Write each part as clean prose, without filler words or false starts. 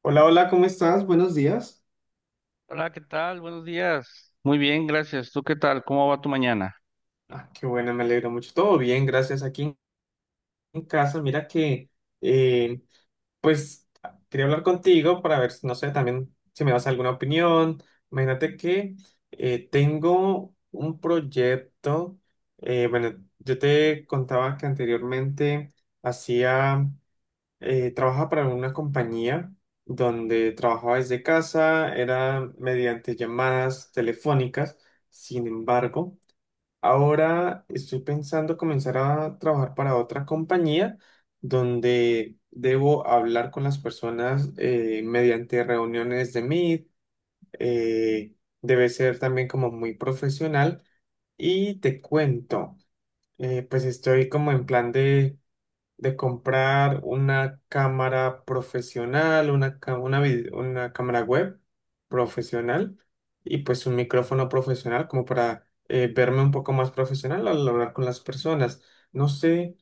Hola, hola, ¿cómo estás? Buenos días. Hola, ¿qué tal? Buenos días. Muy bien, gracias. ¿Tú qué tal? ¿Cómo va tu mañana? Ah, qué bueno, me alegro mucho. Todo bien, gracias. Aquí en casa, mira que, eh, pues, ah, quería hablar contigo para ver, si, no sé, también si me das alguna opinión. Imagínate que tengo un proyecto. Bueno, yo te contaba que anteriormente hacía, trabajaba para una compañía donde trabajaba desde casa, era mediante llamadas telefónicas. Sin embargo, ahora estoy pensando comenzar a trabajar para otra compañía donde debo hablar con las personas mediante reuniones de Meet. eh, Debe ser también como muy profesional. Y te cuento, pues estoy como en plan de comprar una cámara profesional, una, una, una cámara web profesional y pues un micrófono profesional como para verme un poco más profesional al hablar con las personas. No sé,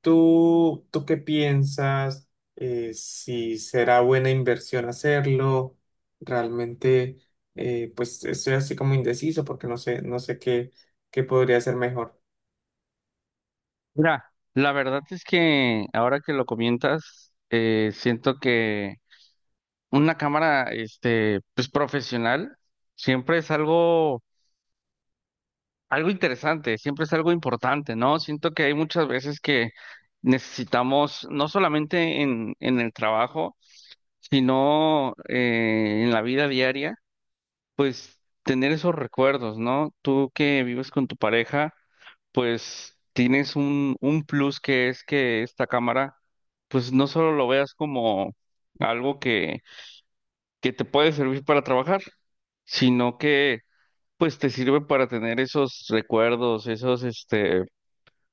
¿tú qué piensas? Si será buena inversión hacerlo, realmente, pues estoy así como indeciso porque no sé qué, qué podría ser mejor. Mira, la verdad es que ahora que lo comentas, siento que una cámara, este, pues profesional, siempre es algo, algo interesante, siempre es algo importante, ¿no? Siento que hay muchas veces que necesitamos, no solamente en el trabajo, sino en la vida diaria, pues tener esos recuerdos, ¿no? Tú que vives con tu pareja. Pues tienes un plus que es que esta cámara, pues no solo lo veas como algo que te puede servir para trabajar, sino que pues te sirve para tener esos recuerdos,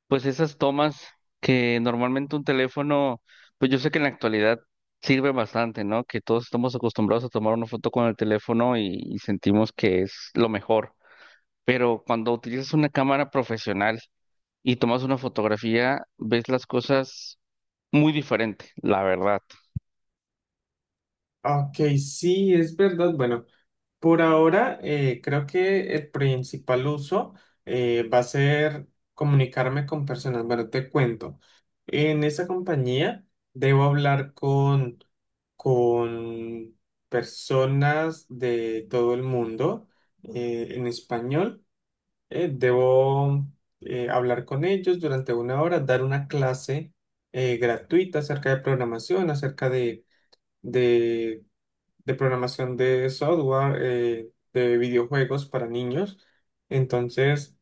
pues esas tomas que normalmente un teléfono, pues yo sé que en la actualidad sirve bastante, ¿no? Que todos estamos acostumbrados a tomar una foto con el teléfono y sentimos que es lo mejor. Pero cuando utilizas una cámara profesional, y tomas una fotografía, ves las cosas muy diferente, la verdad. Ok, sí, es verdad. Bueno. Por ahora, creo que el principal uso va a ser comunicarme con personas. Bueno, te cuento. En esa compañía debo hablar con personas de todo el mundo, en español. Debo hablar con ellos durante una hora, dar una clase gratuita acerca de programación de software, de videojuegos para niños. Entonces,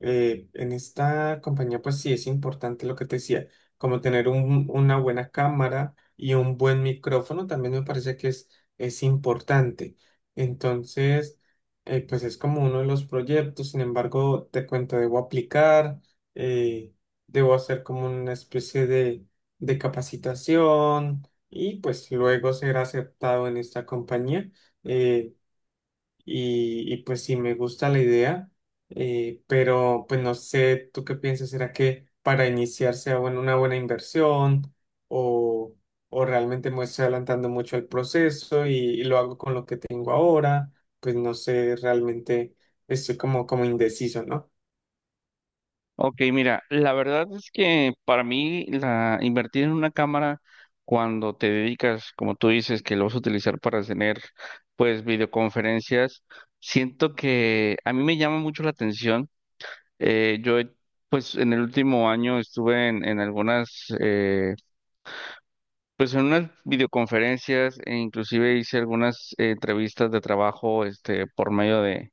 en esta compañía, pues sí es importante lo que te decía, como tener una buena cámara y un buen micrófono. También me parece que es importante. Entonces, pues es como uno de los proyectos. Sin embargo, te cuento, debo aplicar, eh, debo hacer como una especie de capacitación y pues luego ser aceptado en esta compañía. eh, y, y, pues sí, me gusta la idea, pero pues no sé, ¿tú qué piensas? ¿Será que para iniciar sea bueno, una buena inversión o, o realmente me estoy adelantando mucho el proceso y lo hago con lo que tengo ahora? Pues no sé, realmente estoy como, como indeciso, ¿no? Ok, mira, la verdad es que para mí la invertir en una cámara cuando te dedicas, como tú dices, que lo vas a utilizar para tener pues videoconferencias, siento que a mí me llama mucho la atención. Eh, yo he- pues en el último año estuve en algunas pues en unas videoconferencias e inclusive hice algunas entrevistas de trabajo este por medio de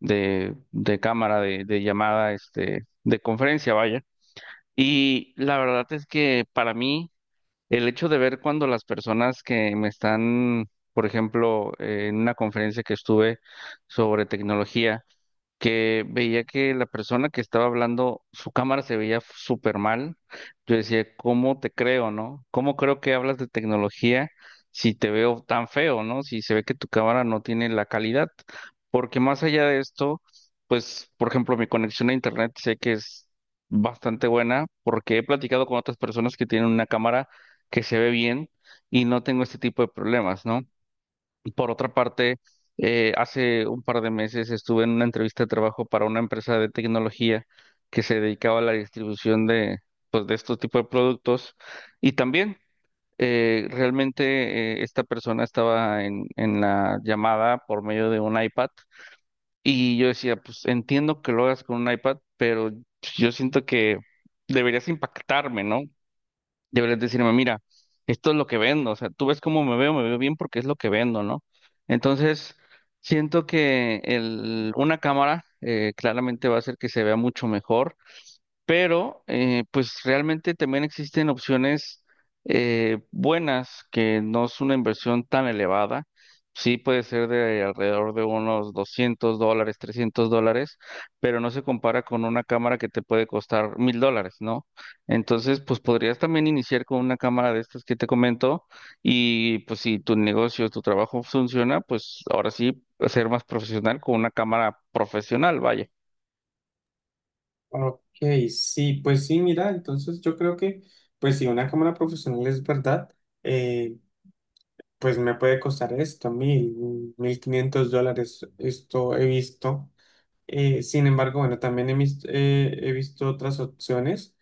de cámara, de llamada, este, de conferencia, vaya. Y la verdad es que para mí, el hecho de ver cuando las personas que me están, por ejemplo, en una conferencia que estuve sobre tecnología, que veía que la persona que estaba hablando, su cámara se veía súper mal. Yo decía, ¿cómo te creo, no? ¿Cómo creo que hablas de tecnología si te veo tan feo, no? Si se ve que tu cámara no tiene la calidad. Porque más allá de esto, pues, por ejemplo, mi conexión a internet sé que es bastante buena porque he platicado con otras personas que tienen una cámara que se ve bien y no tengo este tipo de problemas, ¿no? Por otra parte, hace un par de meses estuve en una entrevista de trabajo para una empresa de tecnología que se dedicaba a la distribución de, pues, de estos tipos de productos. Y también realmente esta persona estaba en la llamada por medio de un iPad. Y yo decía, pues entiendo que lo hagas con un iPad, pero yo siento que deberías impactarme, ¿no? Deberías decirme, mira, esto es lo que vendo, o sea, tú ves cómo me veo bien porque es lo que vendo, ¿no? Entonces, siento que una cámara claramente va a hacer que se vea mucho mejor pero pues realmente también existen opciones buenas que no es una inversión tan elevada. Sí puede ser de alrededor de unos $200, $300, pero no se compara con una cámara que te puede costar $1000, ¿no? Entonces, pues podrías también iniciar con una cámara de estas que te comento y pues si tu negocio, tu trabajo funciona, pues ahora sí ser más profesional con una cámara profesional, vaya. Ok, sí, pues sí, mira, entonces yo creo que pues si una cámara profesional es verdad. eh, pues me puede costar esto, $1000, $1500, esto he visto. Sin embargo, bueno, también he visto otras opciones,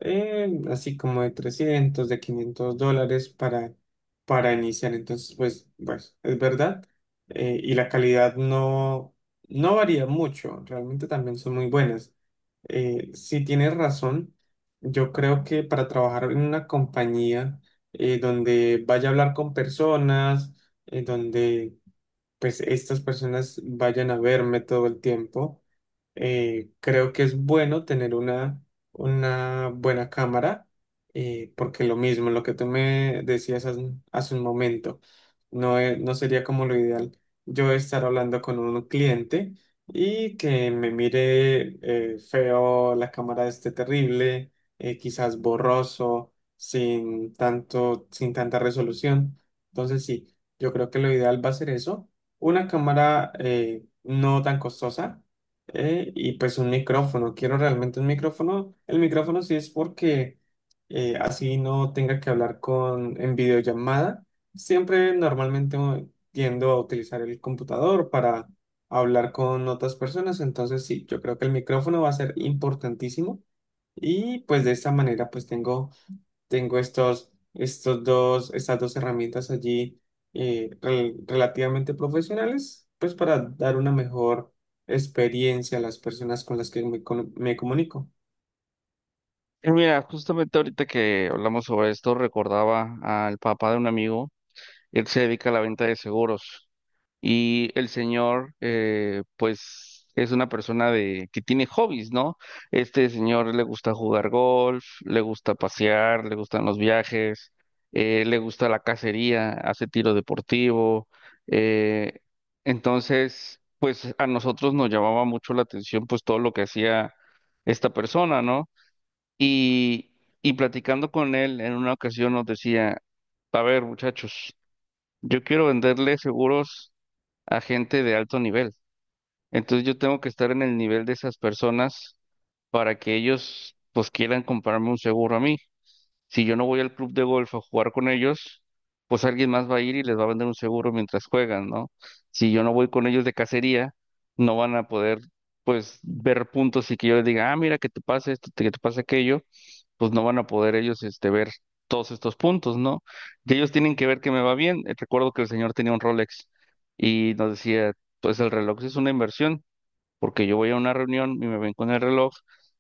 así como de $300 de $500 para iniciar. Entonces, pues, pues, es verdad. Y la calidad no, no varía mucho, realmente también son muy buenas. Sí, tienes razón. Yo creo que para trabajar en una compañía donde vaya a hablar con personas, donde pues estas personas vayan a verme todo el tiempo, creo que es bueno tener una buena cámara, porque lo mismo, lo que tú me decías hace, hace un momento, no, no sería como lo ideal yo estar hablando con un cliente y que me mire feo, la cámara esté terrible, quizás borroso, sin tanto, sin tanta resolución. Entonces sí, yo creo que lo ideal va a ser eso, una cámara no tan costosa, y pues un micrófono, quiero realmente un micrófono. El micrófono sí, es porque así no tenga que hablar con en videollamada. Siempre normalmente tiendo a utilizar el computador para hablar con otras personas. Entonces sí, yo creo que el micrófono va a ser importantísimo y pues de esta manera pues tengo estos, estos dos, estas dos herramientas allí, relativamente profesionales, pues para dar una mejor experiencia a las personas con las que me, me comunico. Y mira, justamente ahorita que hablamos sobre esto, recordaba al papá de un amigo, él se dedica a la venta de seguros y el señor, pues, es una persona de que tiene hobbies, ¿no? Este señor le gusta jugar golf, le gusta pasear, le gustan los viajes, le gusta la cacería, hace tiro deportivo, eh, entonces pues, a nosotros nos llamaba mucho la atención, pues, todo lo que hacía esta persona, ¿no? Y, y platicando con él en una ocasión nos decía, a ver, muchachos, yo quiero venderle seguros a gente de alto nivel. Entonces yo tengo que estar en el nivel de esas personas para que ellos pues quieran comprarme un seguro a mí. Si yo no voy al club de golf a jugar con ellos, pues alguien más va a ir y les va a vender un seguro mientras juegan, ¿no? Si yo no voy con ellos de cacería, no van a poder, pues, ver puntos y que yo les diga, ah, mira, que te pasa esto, que te pasa aquello, pues no van a poder ellos, este, ver todos estos puntos, ¿no? Y ellos tienen que ver que me va bien. Recuerdo que el señor tenía un Rolex y nos decía, pues el reloj es una inversión porque yo voy a una reunión y me ven con el reloj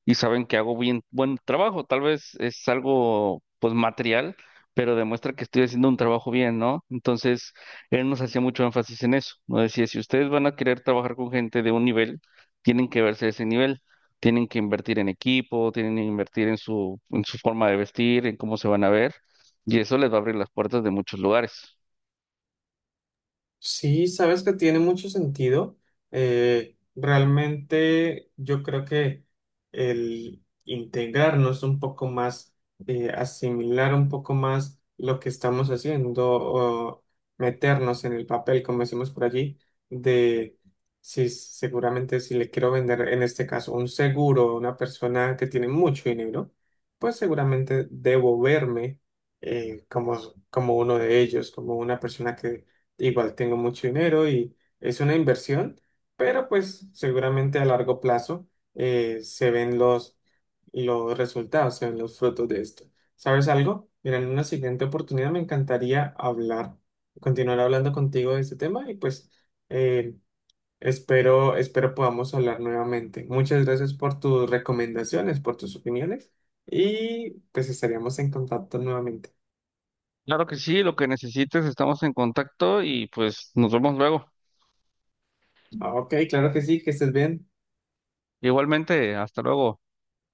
y saben que hago bien buen trabajo. Tal vez es algo pues material, pero demuestra que estoy haciendo un trabajo bien, ¿no? Entonces, él nos hacía mucho énfasis en eso. Nos decía, si ustedes van a querer trabajar con gente de un nivel, tienen que verse ese nivel. Tienen que invertir en equipo, tienen que invertir en su forma de vestir, en cómo se van a ver, y eso les va a abrir las puertas de muchos lugares. Sí, sabes que tiene mucho sentido. Realmente yo creo que el integrarnos un poco más, asimilar un poco más lo que estamos haciendo o meternos en el papel, como decimos por allí, de si, seguramente si le quiero vender en este caso un seguro a una persona que tiene mucho dinero, pues seguramente debo verme como, como uno de ellos, como una persona que igual tengo mucho dinero y es una inversión, pero pues seguramente a largo plazo se ven los resultados, se ven los frutos de esto. ¿Sabes algo? Mira, en una siguiente oportunidad me encantaría hablar, continuar hablando contigo de este tema y pues, eh, espero, espero podamos hablar nuevamente. Muchas gracias por tus recomendaciones, por tus opiniones y pues estaríamos en contacto nuevamente. Claro que sí, lo que necesites, estamos en contacto y pues nos vemos luego. Ah, ok, claro que sí, que estés bien. Igualmente, hasta luego.